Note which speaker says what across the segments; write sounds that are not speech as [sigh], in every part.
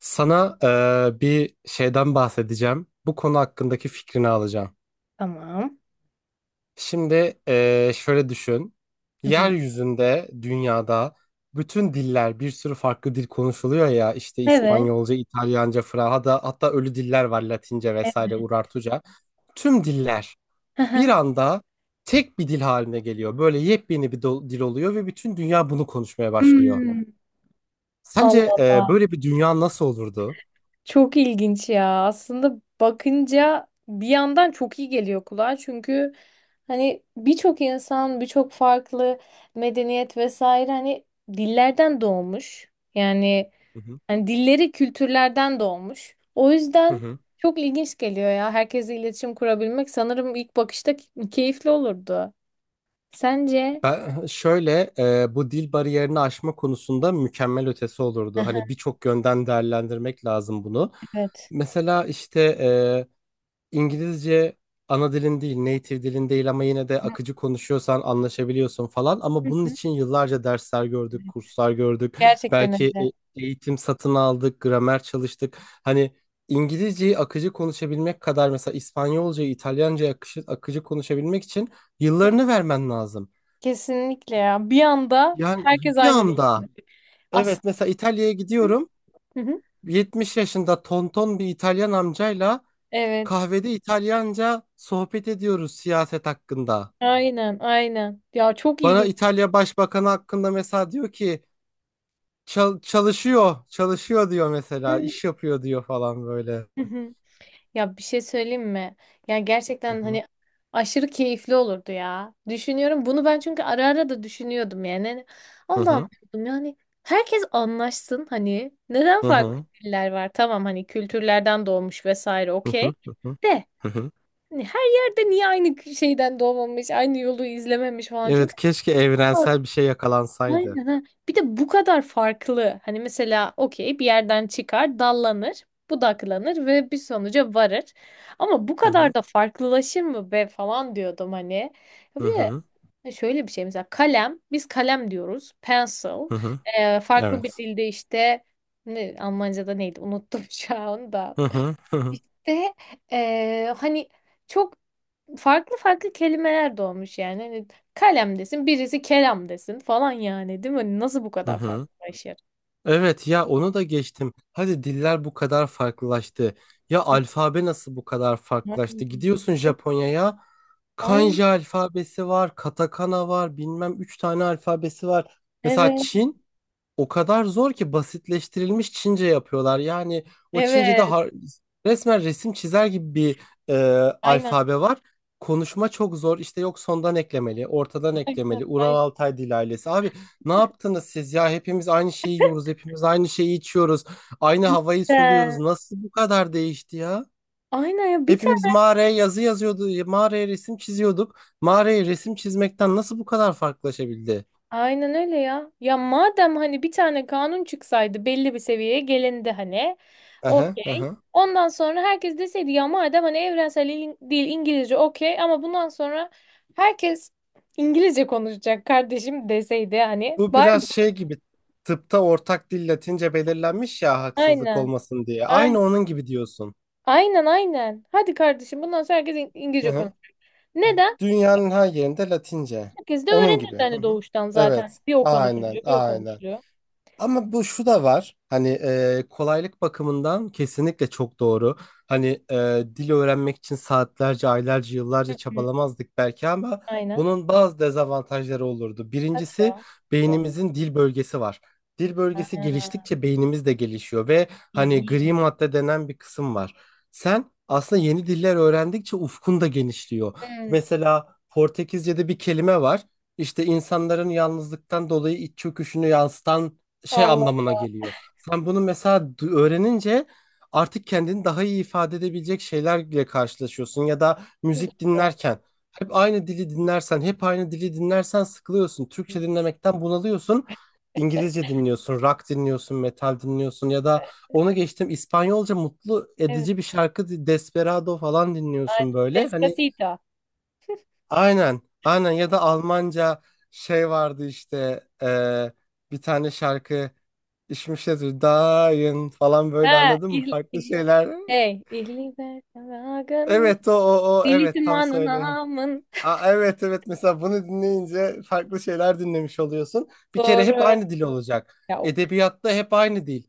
Speaker 1: Sana bir şeyden bahsedeceğim. Bu konu hakkındaki fikrini alacağım.
Speaker 2: Tamam.
Speaker 1: Şimdi şöyle düşün.
Speaker 2: Hı hı.
Speaker 1: Yeryüzünde, dünyada bütün diller, bir sürü farklı dil konuşuluyor ya. İşte
Speaker 2: Evet.
Speaker 1: İspanyolca, İtalyanca, Fransızca, hatta ölü diller var Latince vesaire,
Speaker 2: Evet.
Speaker 1: Urartuca. Tüm diller
Speaker 2: Hı
Speaker 1: bir
Speaker 2: hı.
Speaker 1: anda tek bir dil haline geliyor. Böyle yepyeni bir dil oluyor ve bütün dünya bunu konuşmaya başlıyor.
Speaker 2: Hmm. Allah
Speaker 1: Sence
Speaker 2: Allah.
Speaker 1: böyle bir dünya nasıl olurdu?
Speaker 2: Çok ilginç ya. Aslında bakınca bir yandan çok iyi geliyor kulağa. Çünkü hani birçok insan, birçok farklı medeniyet vesaire hani dillerden doğmuş. Yani
Speaker 1: Hı hı.
Speaker 2: hani dilleri kültürlerden doğmuş. O
Speaker 1: Hı
Speaker 2: yüzden
Speaker 1: hı.
Speaker 2: çok ilginç geliyor ya. Herkesle iletişim kurabilmek sanırım ilk bakışta keyifli olurdu. Sence?
Speaker 1: Ben [laughs] şöyle bu dil bariyerini aşma konusunda mükemmel ötesi olurdu.
Speaker 2: Aha,
Speaker 1: Hani birçok yönden değerlendirmek lazım bunu.
Speaker 2: evet.
Speaker 1: Mesela işte İngilizce ana dilin değil, native dilin değil ama yine de akıcı konuşuyorsan anlaşabiliyorsun falan.
Speaker 2: Hı
Speaker 1: Ama bunun için yıllarca dersler
Speaker 2: hı.
Speaker 1: gördük, kurslar gördük.
Speaker 2: Gerçekten
Speaker 1: Belki
Speaker 2: öyle.
Speaker 1: eğitim satın aldık, gramer çalıştık. Hani İngilizceyi akıcı konuşabilmek kadar mesela İspanyolcayı, İtalyancayı akıcı konuşabilmek için yıllarını vermen lazım.
Speaker 2: Kesinlikle ya. Bir anda
Speaker 1: Yani
Speaker 2: herkes
Speaker 1: bir
Speaker 2: aynı değil.
Speaker 1: anda, evet,
Speaker 2: Aslında.
Speaker 1: mesela İtalya'ya gidiyorum.
Speaker 2: Hı hı.
Speaker 1: 70 yaşında tonton bir İtalyan amcayla
Speaker 2: Evet.
Speaker 1: kahvede İtalyanca sohbet ediyoruz siyaset hakkında.
Speaker 2: Aynen, aynen. Ya çok
Speaker 1: Bana
Speaker 2: ilginç.
Speaker 1: İtalya Başbakanı hakkında mesela diyor ki: çalışıyor, çalışıyor" diyor mesela,
Speaker 2: Hı
Speaker 1: "iş yapıyor" diyor falan böyle.
Speaker 2: hı, hı. Ya bir şey söyleyeyim mi? Ya
Speaker 1: Hı
Speaker 2: gerçekten
Speaker 1: hı.
Speaker 2: hani aşırı keyifli olurdu ya. Düşünüyorum. Bunu ben çünkü ara ara da düşünüyordum yani. Hani
Speaker 1: Hı
Speaker 2: Allah'ım
Speaker 1: hı.
Speaker 2: diyordum yani herkes anlaşsın hani. Neden
Speaker 1: Hı
Speaker 2: farklı
Speaker 1: hı.
Speaker 2: diller var? Tamam hani kültürlerden doğmuş vesaire
Speaker 1: Hı
Speaker 2: okey.
Speaker 1: hı. Hı hı.
Speaker 2: De
Speaker 1: Hı hı.
Speaker 2: hani her yerde niye aynı şeyden doğmamış, aynı yolu izlememiş falan.
Speaker 1: Evet,
Speaker 2: Çünkü
Speaker 1: keşke evrensel bir şey yakalansaydı.
Speaker 2: aynen ha. Bir de bu kadar farklı. Hani mesela okey bir yerden çıkar, dallanır, budaklanır ve bir sonuca varır. Ama bu
Speaker 1: Hı
Speaker 2: kadar
Speaker 1: hı.
Speaker 2: da farklılaşır mı be falan diyordum hani. Ya
Speaker 1: Hı
Speaker 2: bir
Speaker 1: hı.
Speaker 2: de şöyle bir şey mesela kalem, biz kalem diyoruz. Pencil.
Speaker 1: Hı hı.
Speaker 2: Farklı bir
Speaker 1: Evet.
Speaker 2: dilde işte ne, Almanca'da neydi unuttum [laughs] şu anda.
Speaker 1: Hı hı. Hı hı.
Speaker 2: İşte hani çok farklı farklı kelimeler doğmuş yani. Hani kalem desin, birisi kelam desin falan yani değil mi? Hani nasıl bu
Speaker 1: Hı
Speaker 2: kadar
Speaker 1: hı.
Speaker 2: farklılaşır?
Speaker 1: Evet ya, onu da geçtim. Hadi diller bu kadar farklılaştı. Ya alfabe nasıl bu kadar
Speaker 2: Ay,
Speaker 1: farklılaştı? Gidiyorsun
Speaker 2: evet,
Speaker 1: Japonya'ya.
Speaker 2: aynen.
Speaker 1: Kanji alfabesi var, katakana var, bilmem üç tane alfabesi var. Mesela
Speaker 2: Evet.
Speaker 1: Çin o kadar zor ki basitleştirilmiş Çince yapıyorlar. Yani o Çince'de
Speaker 2: Evet.
Speaker 1: resmen resim çizer gibi bir e,
Speaker 2: Aynen,
Speaker 1: alfabe var. Konuşma çok zor. İşte yok sondan eklemeli, ortadan
Speaker 2: evet,
Speaker 1: eklemeli. Ural
Speaker 2: aynen.
Speaker 1: Altay dil ailesi. Abi, ne yaptınız siz ya? Hepimiz aynı şeyi yiyoruz, hepimiz aynı şeyi içiyoruz. Aynı havayı
Speaker 2: Cidden.
Speaker 1: soluyoruz. Nasıl bu kadar değişti ya?
Speaker 2: Aynen ya bir
Speaker 1: Hepimiz
Speaker 2: tane.
Speaker 1: mağaraya yazı yazıyordu, mağaraya resim çiziyorduk. Mağaraya resim çizmekten nasıl bu kadar farklılaşabildi?
Speaker 2: Aynen öyle ya. Ya madem hani bir tane kanun çıksaydı belli bir seviyeye gelindi hani.
Speaker 1: Aha,
Speaker 2: Okey.
Speaker 1: aha.
Speaker 2: Ondan sonra herkes deseydi ya madem hani evrensel dil İngilizce okey ama bundan sonra herkes İngilizce konuşacak kardeşim deseydi hani.
Speaker 1: Bu
Speaker 2: Bari
Speaker 1: biraz şey gibi, tıpta ortak dil Latince belirlenmiş ya,
Speaker 2: [laughs]
Speaker 1: haksızlık
Speaker 2: aynen.
Speaker 1: olmasın diye. Aynı
Speaker 2: Aynen,
Speaker 1: onun gibi diyorsun.
Speaker 2: aynen, aynen. Hadi kardeşim bundan sonra herkes
Speaker 1: Hı
Speaker 2: İngilizce
Speaker 1: hı.
Speaker 2: konuşacak. Neden?
Speaker 1: Dünyanın her yerinde Latince.
Speaker 2: Herkes de
Speaker 1: Onun
Speaker 2: öğrenirdi
Speaker 1: gibi. Hı
Speaker 2: hani
Speaker 1: hı.
Speaker 2: doğuştan zaten.
Speaker 1: Evet.
Speaker 2: Bir o
Speaker 1: Aynen,
Speaker 2: konuşuluyor, bir o
Speaker 1: aynen.
Speaker 2: konuşuluyor.
Speaker 1: Ama bu şu da var. Hani kolaylık bakımından kesinlikle çok doğru. Hani dil öğrenmek için saatlerce, aylarca, yıllarca
Speaker 2: Hı hı,
Speaker 1: çabalamazdık belki, ama
Speaker 2: aynen.
Speaker 1: bunun bazı dezavantajları olurdu.
Speaker 2: Hadi
Speaker 1: Birincisi,
Speaker 2: ya.
Speaker 1: beynimizin dil bölgesi var. Dil bölgesi
Speaker 2: Aa.
Speaker 1: geliştikçe beynimiz de gelişiyor ve hani gri
Speaker 2: İyi.
Speaker 1: madde denen bir kısım var. Sen aslında yeni diller öğrendikçe ufkun da genişliyor.
Speaker 2: Hmm.
Speaker 1: Mesela Portekizce'de bir kelime var. İşte insanların yalnızlıktan dolayı iç çöküşünü yansıtan şey
Speaker 2: Allah
Speaker 1: anlamına geliyor. Sen bunu mesela öğrenince artık kendini daha iyi ifade edebilecek şeylerle karşılaşıyorsun, ya da müzik
Speaker 2: doğru.
Speaker 1: dinlerken hep aynı dili dinlersen, hep aynı dili dinlersen sıkılıyorsun. Türkçe dinlemekten bunalıyorsun. İngilizce dinliyorsun, rock dinliyorsun, metal dinliyorsun ya da onu geçtim, İspanyolca mutlu
Speaker 2: Evet.
Speaker 1: edici bir şarkı, Desperado falan
Speaker 2: Aynen.
Speaker 1: dinliyorsun böyle. Hani
Speaker 2: Despacito.
Speaker 1: aynen, aynen, ya da Almanca şey vardı işte bir tane şarkı, İşmiş yazıyor, Dayın falan böyle,
Speaker 2: Ha,
Speaker 1: anladın mı?
Speaker 2: il,
Speaker 1: Farklı
Speaker 2: il,
Speaker 1: şeyler.
Speaker 2: hey, ihliber kanagın,
Speaker 1: Evet, o o o evet, tam
Speaker 2: dilitimanın
Speaker 1: söyle.
Speaker 2: amın.
Speaker 1: Aa, evet evet, mesela bunu dinleyince farklı şeyler dinlemiş oluyorsun. Bir kere hep
Speaker 2: Doğru.
Speaker 1: aynı dil olacak.
Speaker 2: Ya, o-
Speaker 1: Edebiyatta hep aynı dil.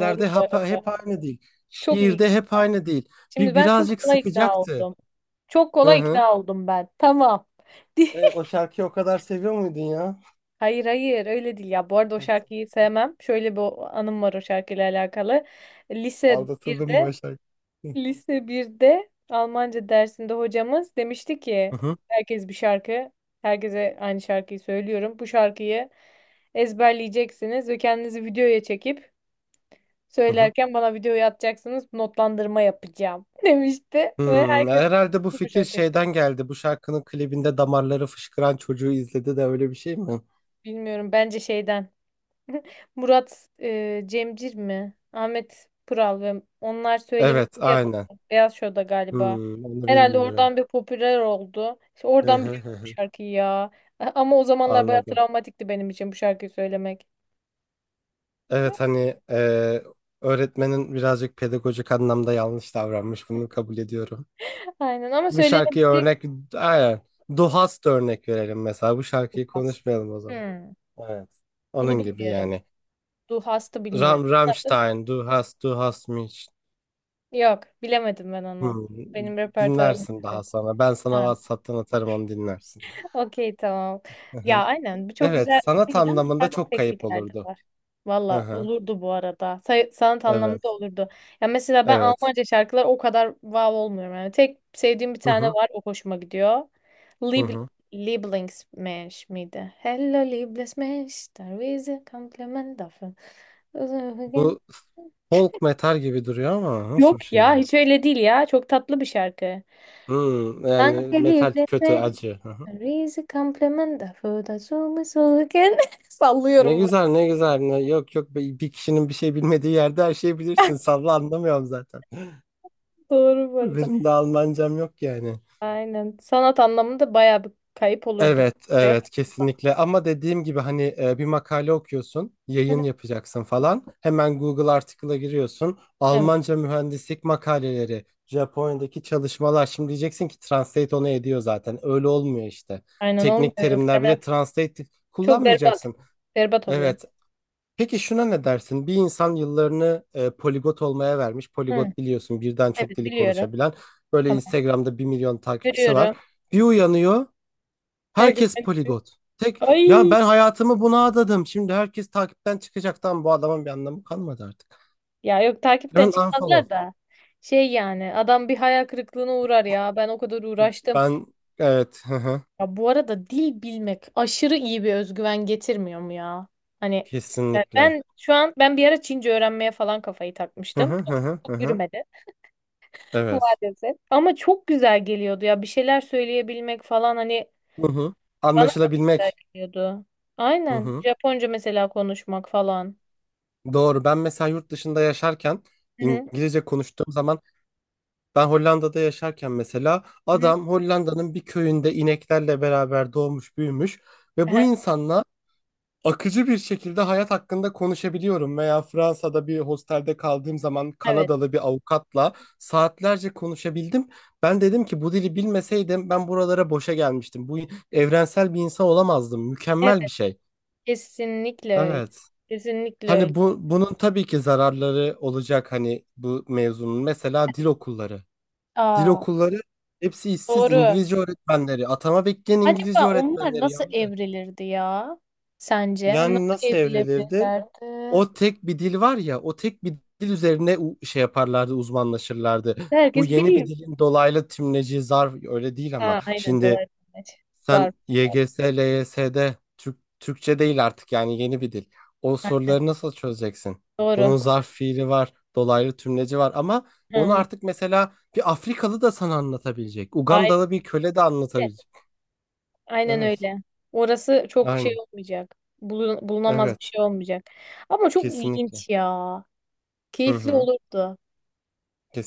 Speaker 2: doğru bu
Speaker 1: hep,
Speaker 2: arada.
Speaker 1: hep aynı dil.
Speaker 2: Çok iyi.
Speaker 1: Şiirde hep aynı dil.
Speaker 2: Şimdi ben çok
Speaker 1: Birazcık
Speaker 2: kolay ikna
Speaker 1: sıkacaktı.
Speaker 2: oldum. Çok
Speaker 1: Hı
Speaker 2: kolay
Speaker 1: hı.
Speaker 2: ikna oldum ben. Tamam. [laughs]
Speaker 1: Evet, o şarkıyı o kadar seviyor muydun ya?
Speaker 2: Hayır hayır öyle değil ya. Bu arada o
Speaker 1: Evet.
Speaker 2: şarkıyı sevmem. Şöyle bir anım var o şarkıyla alakalı. Lise
Speaker 1: Aldatıldım
Speaker 2: birde.
Speaker 1: bu şarkı.
Speaker 2: Lise birde Almanca dersinde hocamız demişti ki
Speaker 1: Hı hı.
Speaker 2: herkes bir şarkı, herkese aynı şarkıyı söylüyorum. Bu şarkıyı ezberleyeceksiniz ve kendinizi videoya çekip
Speaker 1: Hı hı.
Speaker 2: söylerken bana videoyu atacaksınız. Notlandırma yapacağım [laughs] demişti ve
Speaker 1: Hmm,
Speaker 2: herkes
Speaker 1: herhalde bu
Speaker 2: bu
Speaker 1: fikir
Speaker 2: şarkı yapıyor.
Speaker 1: şeyden geldi. Bu şarkının klibinde damarları fışkıran çocuğu izledi de öyle bir şey mi?
Speaker 2: Bilmiyorum bence şeyden [laughs] Murat Cemcir mi? Ahmet Kural ve onlar söylemişti
Speaker 1: Evet,
Speaker 2: ya
Speaker 1: aynen.
Speaker 2: Beyaz Show'da galiba.
Speaker 1: Hmm, onu
Speaker 2: Herhalde
Speaker 1: bilmiyorum.
Speaker 2: oradan bir popüler oldu. İşte
Speaker 1: Hı
Speaker 2: oradan
Speaker 1: hı hı
Speaker 2: biliyorum bu
Speaker 1: hı.
Speaker 2: şarkıyı ya. [laughs] A- ama o zamanlar bayağı
Speaker 1: Anladım.
Speaker 2: travmatikti benim için bu şarkıyı söylemek.
Speaker 1: Evet, hani öğretmenin birazcık pedagojik anlamda yanlış davranmış. Bunu kabul ediyorum.
Speaker 2: Aynen ama
Speaker 1: Bu şarkıya
Speaker 2: söylenebilecek
Speaker 1: örnek, aynen. Duhast örnek verelim mesela. Bu
Speaker 2: bir
Speaker 1: şarkıyı
Speaker 2: hasta.
Speaker 1: konuşmayalım o zaman.
Speaker 2: Hmm,
Speaker 1: Evet.
Speaker 2: bunu
Speaker 1: Onun gibi
Speaker 2: bilmiyorum.
Speaker 1: yani.
Speaker 2: Du hastı
Speaker 1: Ram,
Speaker 2: bilmiyorum. Nasıl?
Speaker 1: Rammstein, Du hast, du hast mich.
Speaker 2: Yok, bilemedim ben onu.
Speaker 1: Hmm,
Speaker 2: Benim repertuarım.
Speaker 1: dinlersin daha sonra. Ben sana
Speaker 2: Ha.
Speaker 1: WhatsApp'tan atarım, onu dinlersin.
Speaker 2: Okey tamam.
Speaker 1: Hı hı.
Speaker 2: Ya aynen bu çok
Speaker 1: Evet,
Speaker 2: güzel
Speaker 1: sanat
Speaker 2: değil ama
Speaker 1: anlamında
Speaker 2: farklı
Speaker 1: çok kayıp
Speaker 2: teknikler de
Speaker 1: olurdu.
Speaker 2: var.
Speaker 1: Hı
Speaker 2: Valla
Speaker 1: hı.
Speaker 2: olurdu bu arada. Say- sanat
Speaker 1: Evet,
Speaker 2: anlamında olurdu. Ya mesela ben
Speaker 1: evet.
Speaker 2: Almanca şarkılar o kadar wow olmuyorum. Yani tek sevdiğim bir
Speaker 1: Hı
Speaker 2: tane
Speaker 1: hı.
Speaker 2: var o hoşuma gidiyor.
Speaker 1: Hı
Speaker 2: Lieb
Speaker 1: hı.
Speaker 2: Lieblingsmensch miydi? Hello Lieblingsmensch, der Wiese Kompliment dafür.
Speaker 1: Bu folk metal gibi duruyor ama nasıl bir
Speaker 2: Yok
Speaker 1: şey
Speaker 2: ya
Speaker 1: bu?
Speaker 2: hiç öyle değil ya. Çok tatlı bir şarkı.
Speaker 1: Hmm, yani
Speaker 2: Danke
Speaker 1: metal kötü,
Speaker 2: Lieblingsmensch.
Speaker 1: acı. Hı hı.
Speaker 2: Reis complementa foda sulu suluken. [laughs]
Speaker 1: Ne
Speaker 2: Sallıyorum bu
Speaker 1: güzel, ne güzel. Ne, yok yok, bir kişinin bir şey bilmediği yerde her şeyi bilirsin.
Speaker 2: arada.
Speaker 1: Salla, anlamıyorum zaten.
Speaker 2: [laughs] Doğru bu
Speaker 1: [laughs]
Speaker 2: arada.
Speaker 1: Benim de Almancam yok yani.
Speaker 2: Aynen. Sanat anlamında bayağı bir kayıp olurdu.
Speaker 1: Evet,
Speaker 2: Buraya
Speaker 1: evet
Speaker 2: kadar.
Speaker 1: kesinlikle, ama dediğim gibi hani bir makale okuyorsun,
Speaker 2: Hı.
Speaker 1: yayın yapacaksın falan. Hemen Google Article'a giriyorsun.
Speaker 2: [laughs] Evet.
Speaker 1: Almanca mühendislik makaleleri, Japonya'daki çalışmalar. Şimdi diyeceksin ki Translate onu ediyor zaten. Öyle olmuyor işte.
Speaker 2: Aynen
Speaker 1: Teknik
Speaker 2: olmuyor. Yok
Speaker 1: terimler, bir
Speaker 2: demem.
Speaker 1: de Translate
Speaker 2: Çok berbat.
Speaker 1: kullanmayacaksın.
Speaker 2: Berbat oluyor.
Speaker 1: Evet. Peki şuna ne dersin? Bir insan yıllarını poligot olmaya vermiş.
Speaker 2: Hı.
Speaker 1: Poligot biliyorsun, birden
Speaker 2: Evet
Speaker 1: çok dili
Speaker 2: biliyorum.
Speaker 1: konuşabilen. Böyle
Speaker 2: Tamam.
Speaker 1: Instagram'da 1 milyon takipçisi var.
Speaker 2: Görüyorum.
Speaker 1: Bir uyanıyor.
Speaker 2: Her gün.
Speaker 1: Herkes poligot. Tek ya,
Speaker 2: Ay.
Speaker 1: ben hayatımı buna adadım. Şimdi herkes takipten çıkacak. Tamam, bu adamın bir anlamı kalmadı artık.
Speaker 2: Ya yok takipten
Speaker 1: Hemen
Speaker 2: çıkmazlar
Speaker 1: unfollow.
Speaker 2: da. Şey yani adam bir hayal kırıklığına uğrar ya. Ben o kadar uğraştım.
Speaker 1: Ben, evet, hı hı.
Speaker 2: Ya bu arada dil bilmek aşırı iyi bir özgüven getirmiyor mu ya? Hani
Speaker 1: Kesinlikle.
Speaker 2: ben şu an ben bir ara Çince öğrenmeye falan kafayı
Speaker 1: Hı
Speaker 2: takmıştım.
Speaker 1: hı hı hı hı.
Speaker 2: Çok
Speaker 1: Hı.
Speaker 2: yürümedi [laughs]
Speaker 1: Evet.
Speaker 2: maalesef. Ama çok güzel geliyordu ya bir şeyler söyleyebilmek falan hani
Speaker 1: Hı hı.
Speaker 2: bana çok güzel
Speaker 1: Anlaşılabilmek.
Speaker 2: geliyordu.
Speaker 1: Hı
Speaker 2: Aynen.
Speaker 1: hı.
Speaker 2: Japonca mesela konuşmak falan.
Speaker 1: Doğru. Ben mesela yurt dışında yaşarken,
Speaker 2: Hı hı,
Speaker 1: İngilizce konuştuğum zaman, ben Hollanda'da yaşarken mesela,
Speaker 2: hı hı.
Speaker 1: adam Hollanda'nın bir köyünde ineklerle beraber doğmuş büyümüş ve bu
Speaker 2: Aha,
Speaker 1: insanla akıcı bir şekilde hayat hakkında konuşabiliyorum. Veya Fransa'da bir hostelde kaldığım zaman
Speaker 2: evet.
Speaker 1: Kanadalı bir avukatla saatlerce konuşabildim. Ben dedim ki bu dili bilmeseydim ben buralara boşa gelmiştim. Bu evrensel bir insan olamazdım.
Speaker 2: Evet,
Speaker 1: Mükemmel bir şey.
Speaker 2: kesinlikle öyle.
Speaker 1: Evet.
Speaker 2: Kesinlikle öyle.
Speaker 1: Hani bu, bunun tabii ki zararları olacak, hani bu mevzunun. Mesela dil okulları. Dil
Speaker 2: Aa,
Speaker 1: okulları, hepsi işsiz
Speaker 2: doğru.
Speaker 1: İngilizce öğretmenleri. Atama bekleyen İngilizce
Speaker 2: Acaba onlar
Speaker 1: öğretmenleri
Speaker 2: nasıl
Speaker 1: yandı.
Speaker 2: evrilirdi ya? Sence? Hani
Speaker 1: Yani
Speaker 2: nasıl
Speaker 1: nasıl evrilirdi?
Speaker 2: evrilebilirlerdi?
Speaker 1: O tek bir dil var ya, o tek bir dil üzerine şey yaparlardı, uzmanlaşırlardı. Bu
Speaker 2: Herkes
Speaker 1: yeni bir
Speaker 2: biliyor.
Speaker 1: dilin dolaylı tümleci, zarf, öyle değil ama,
Speaker 2: Ha, aynen
Speaker 1: şimdi
Speaker 2: dolaylı
Speaker 1: sen
Speaker 2: zarf.
Speaker 1: YGS, LYS'de Türk, Türkçe değil artık yani, yeni bir dil. O
Speaker 2: Ha,
Speaker 1: soruları nasıl çözeceksin?
Speaker 2: doğru.
Speaker 1: Bunun zarf fiili var, dolaylı tümleci var ama
Speaker 2: Hı
Speaker 1: onu
Speaker 2: hı.
Speaker 1: artık mesela bir Afrikalı da sana anlatabilecek.
Speaker 2: Aynen.
Speaker 1: Ugandalı bir köle de anlatabilecek.
Speaker 2: Aynen
Speaker 1: Evet,
Speaker 2: öyle. Orası çok
Speaker 1: aynı.
Speaker 2: şey olmayacak. Bulun- bulunamaz bir
Speaker 1: Evet,
Speaker 2: şey olmayacak. Ama çok
Speaker 1: kesinlikle.
Speaker 2: ilginç ya.
Speaker 1: Hı
Speaker 2: Keyifli
Speaker 1: hı,
Speaker 2: olurdu.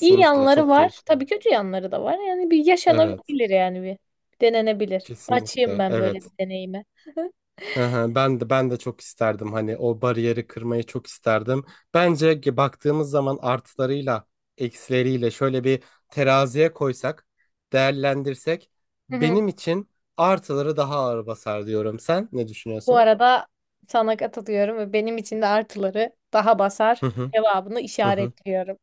Speaker 2: İyi yanları
Speaker 1: çok keyif.
Speaker 2: var. Tabii kötü yanları da var. Yani bir
Speaker 1: Evet.
Speaker 2: yaşanabilir yani bir. Denenebilir. Açayım
Speaker 1: Kesinlikle
Speaker 2: ben böyle
Speaker 1: evet.
Speaker 2: bir deneyime.
Speaker 1: Hı hı. Ben de çok isterdim, hani o bariyeri kırmayı çok isterdim. Bence ki baktığımız zaman artılarıyla eksileriyle, şöyle bir teraziye koysak, değerlendirsek, benim
Speaker 2: [laughs]
Speaker 1: için artıları daha ağır basar diyorum. Sen ne
Speaker 2: Bu
Speaker 1: düşünüyorsun?
Speaker 2: arada sana katılıyorum ve benim için de artıları daha basar
Speaker 1: Hı hı,
Speaker 2: cevabını
Speaker 1: hı hı.
Speaker 2: işaretliyorum.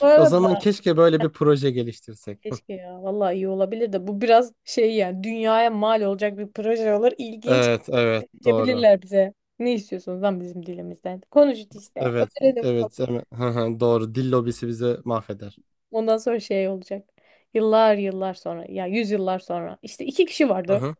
Speaker 2: [laughs] Bu
Speaker 1: O zaman
Speaker 2: arada
Speaker 1: keşke böyle bir proje geliştirsek.
Speaker 2: keşke
Speaker 1: [laughs]
Speaker 2: ya vallahi iyi olabilir de bu biraz şey yani dünyaya mal olacak bir proje olur. İlginç
Speaker 1: Evet, evet, doğru.
Speaker 2: diyebilirler bize. Ne istiyorsunuz lan bizim dilimizden? Konuşun işte.
Speaker 1: Evet,
Speaker 2: Öğrenin.
Speaker 1: evet, evet, evet. Hı hı, doğru. Dil lobisi bizi mahveder.
Speaker 2: Ondan sonra şey olacak. Yıllar yıllar sonra ya yüzyıllar sonra işte iki kişi
Speaker 1: Hı
Speaker 2: vardı.
Speaker 1: hı,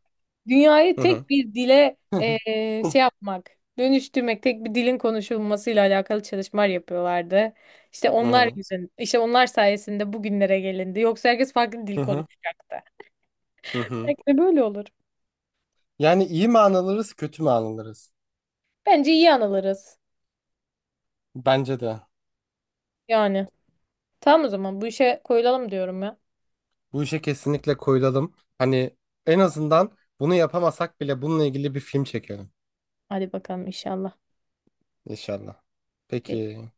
Speaker 2: Dünyayı
Speaker 1: hı
Speaker 2: tek bir dile
Speaker 1: hı. [laughs]
Speaker 2: şey yapmak, dönüştürmek, tek bir dilin konuşulmasıyla alakalı çalışmalar yapıyorlardı. İşte
Speaker 1: Hı
Speaker 2: onlar
Speaker 1: hı.
Speaker 2: yüzün, işte onlar sayesinde bugünlere gelindi. Yoksa herkes farklı
Speaker 1: Hı
Speaker 2: dil
Speaker 1: hı.
Speaker 2: konuşacaktı.
Speaker 1: Hı hı.
Speaker 2: Belki de böyle olur.
Speaker 1: Yani iyi mi anılırız, kötü mü anılırız?
Speaker 2: Bence iyi anılırız.
Speaker 1: Bence de.
Speaker 2: Yani. Tamam o zaman bu işe koyulalım diyorum ya.
Speaker 1: Bu işe kesinlikle koyulalım. Hani en azından bunu yapamasak bile bununla ilgili bir film çekelim.
Speaker 2: Hadi bakalım inşallah.
Speaker 1: İnşallah. Peki.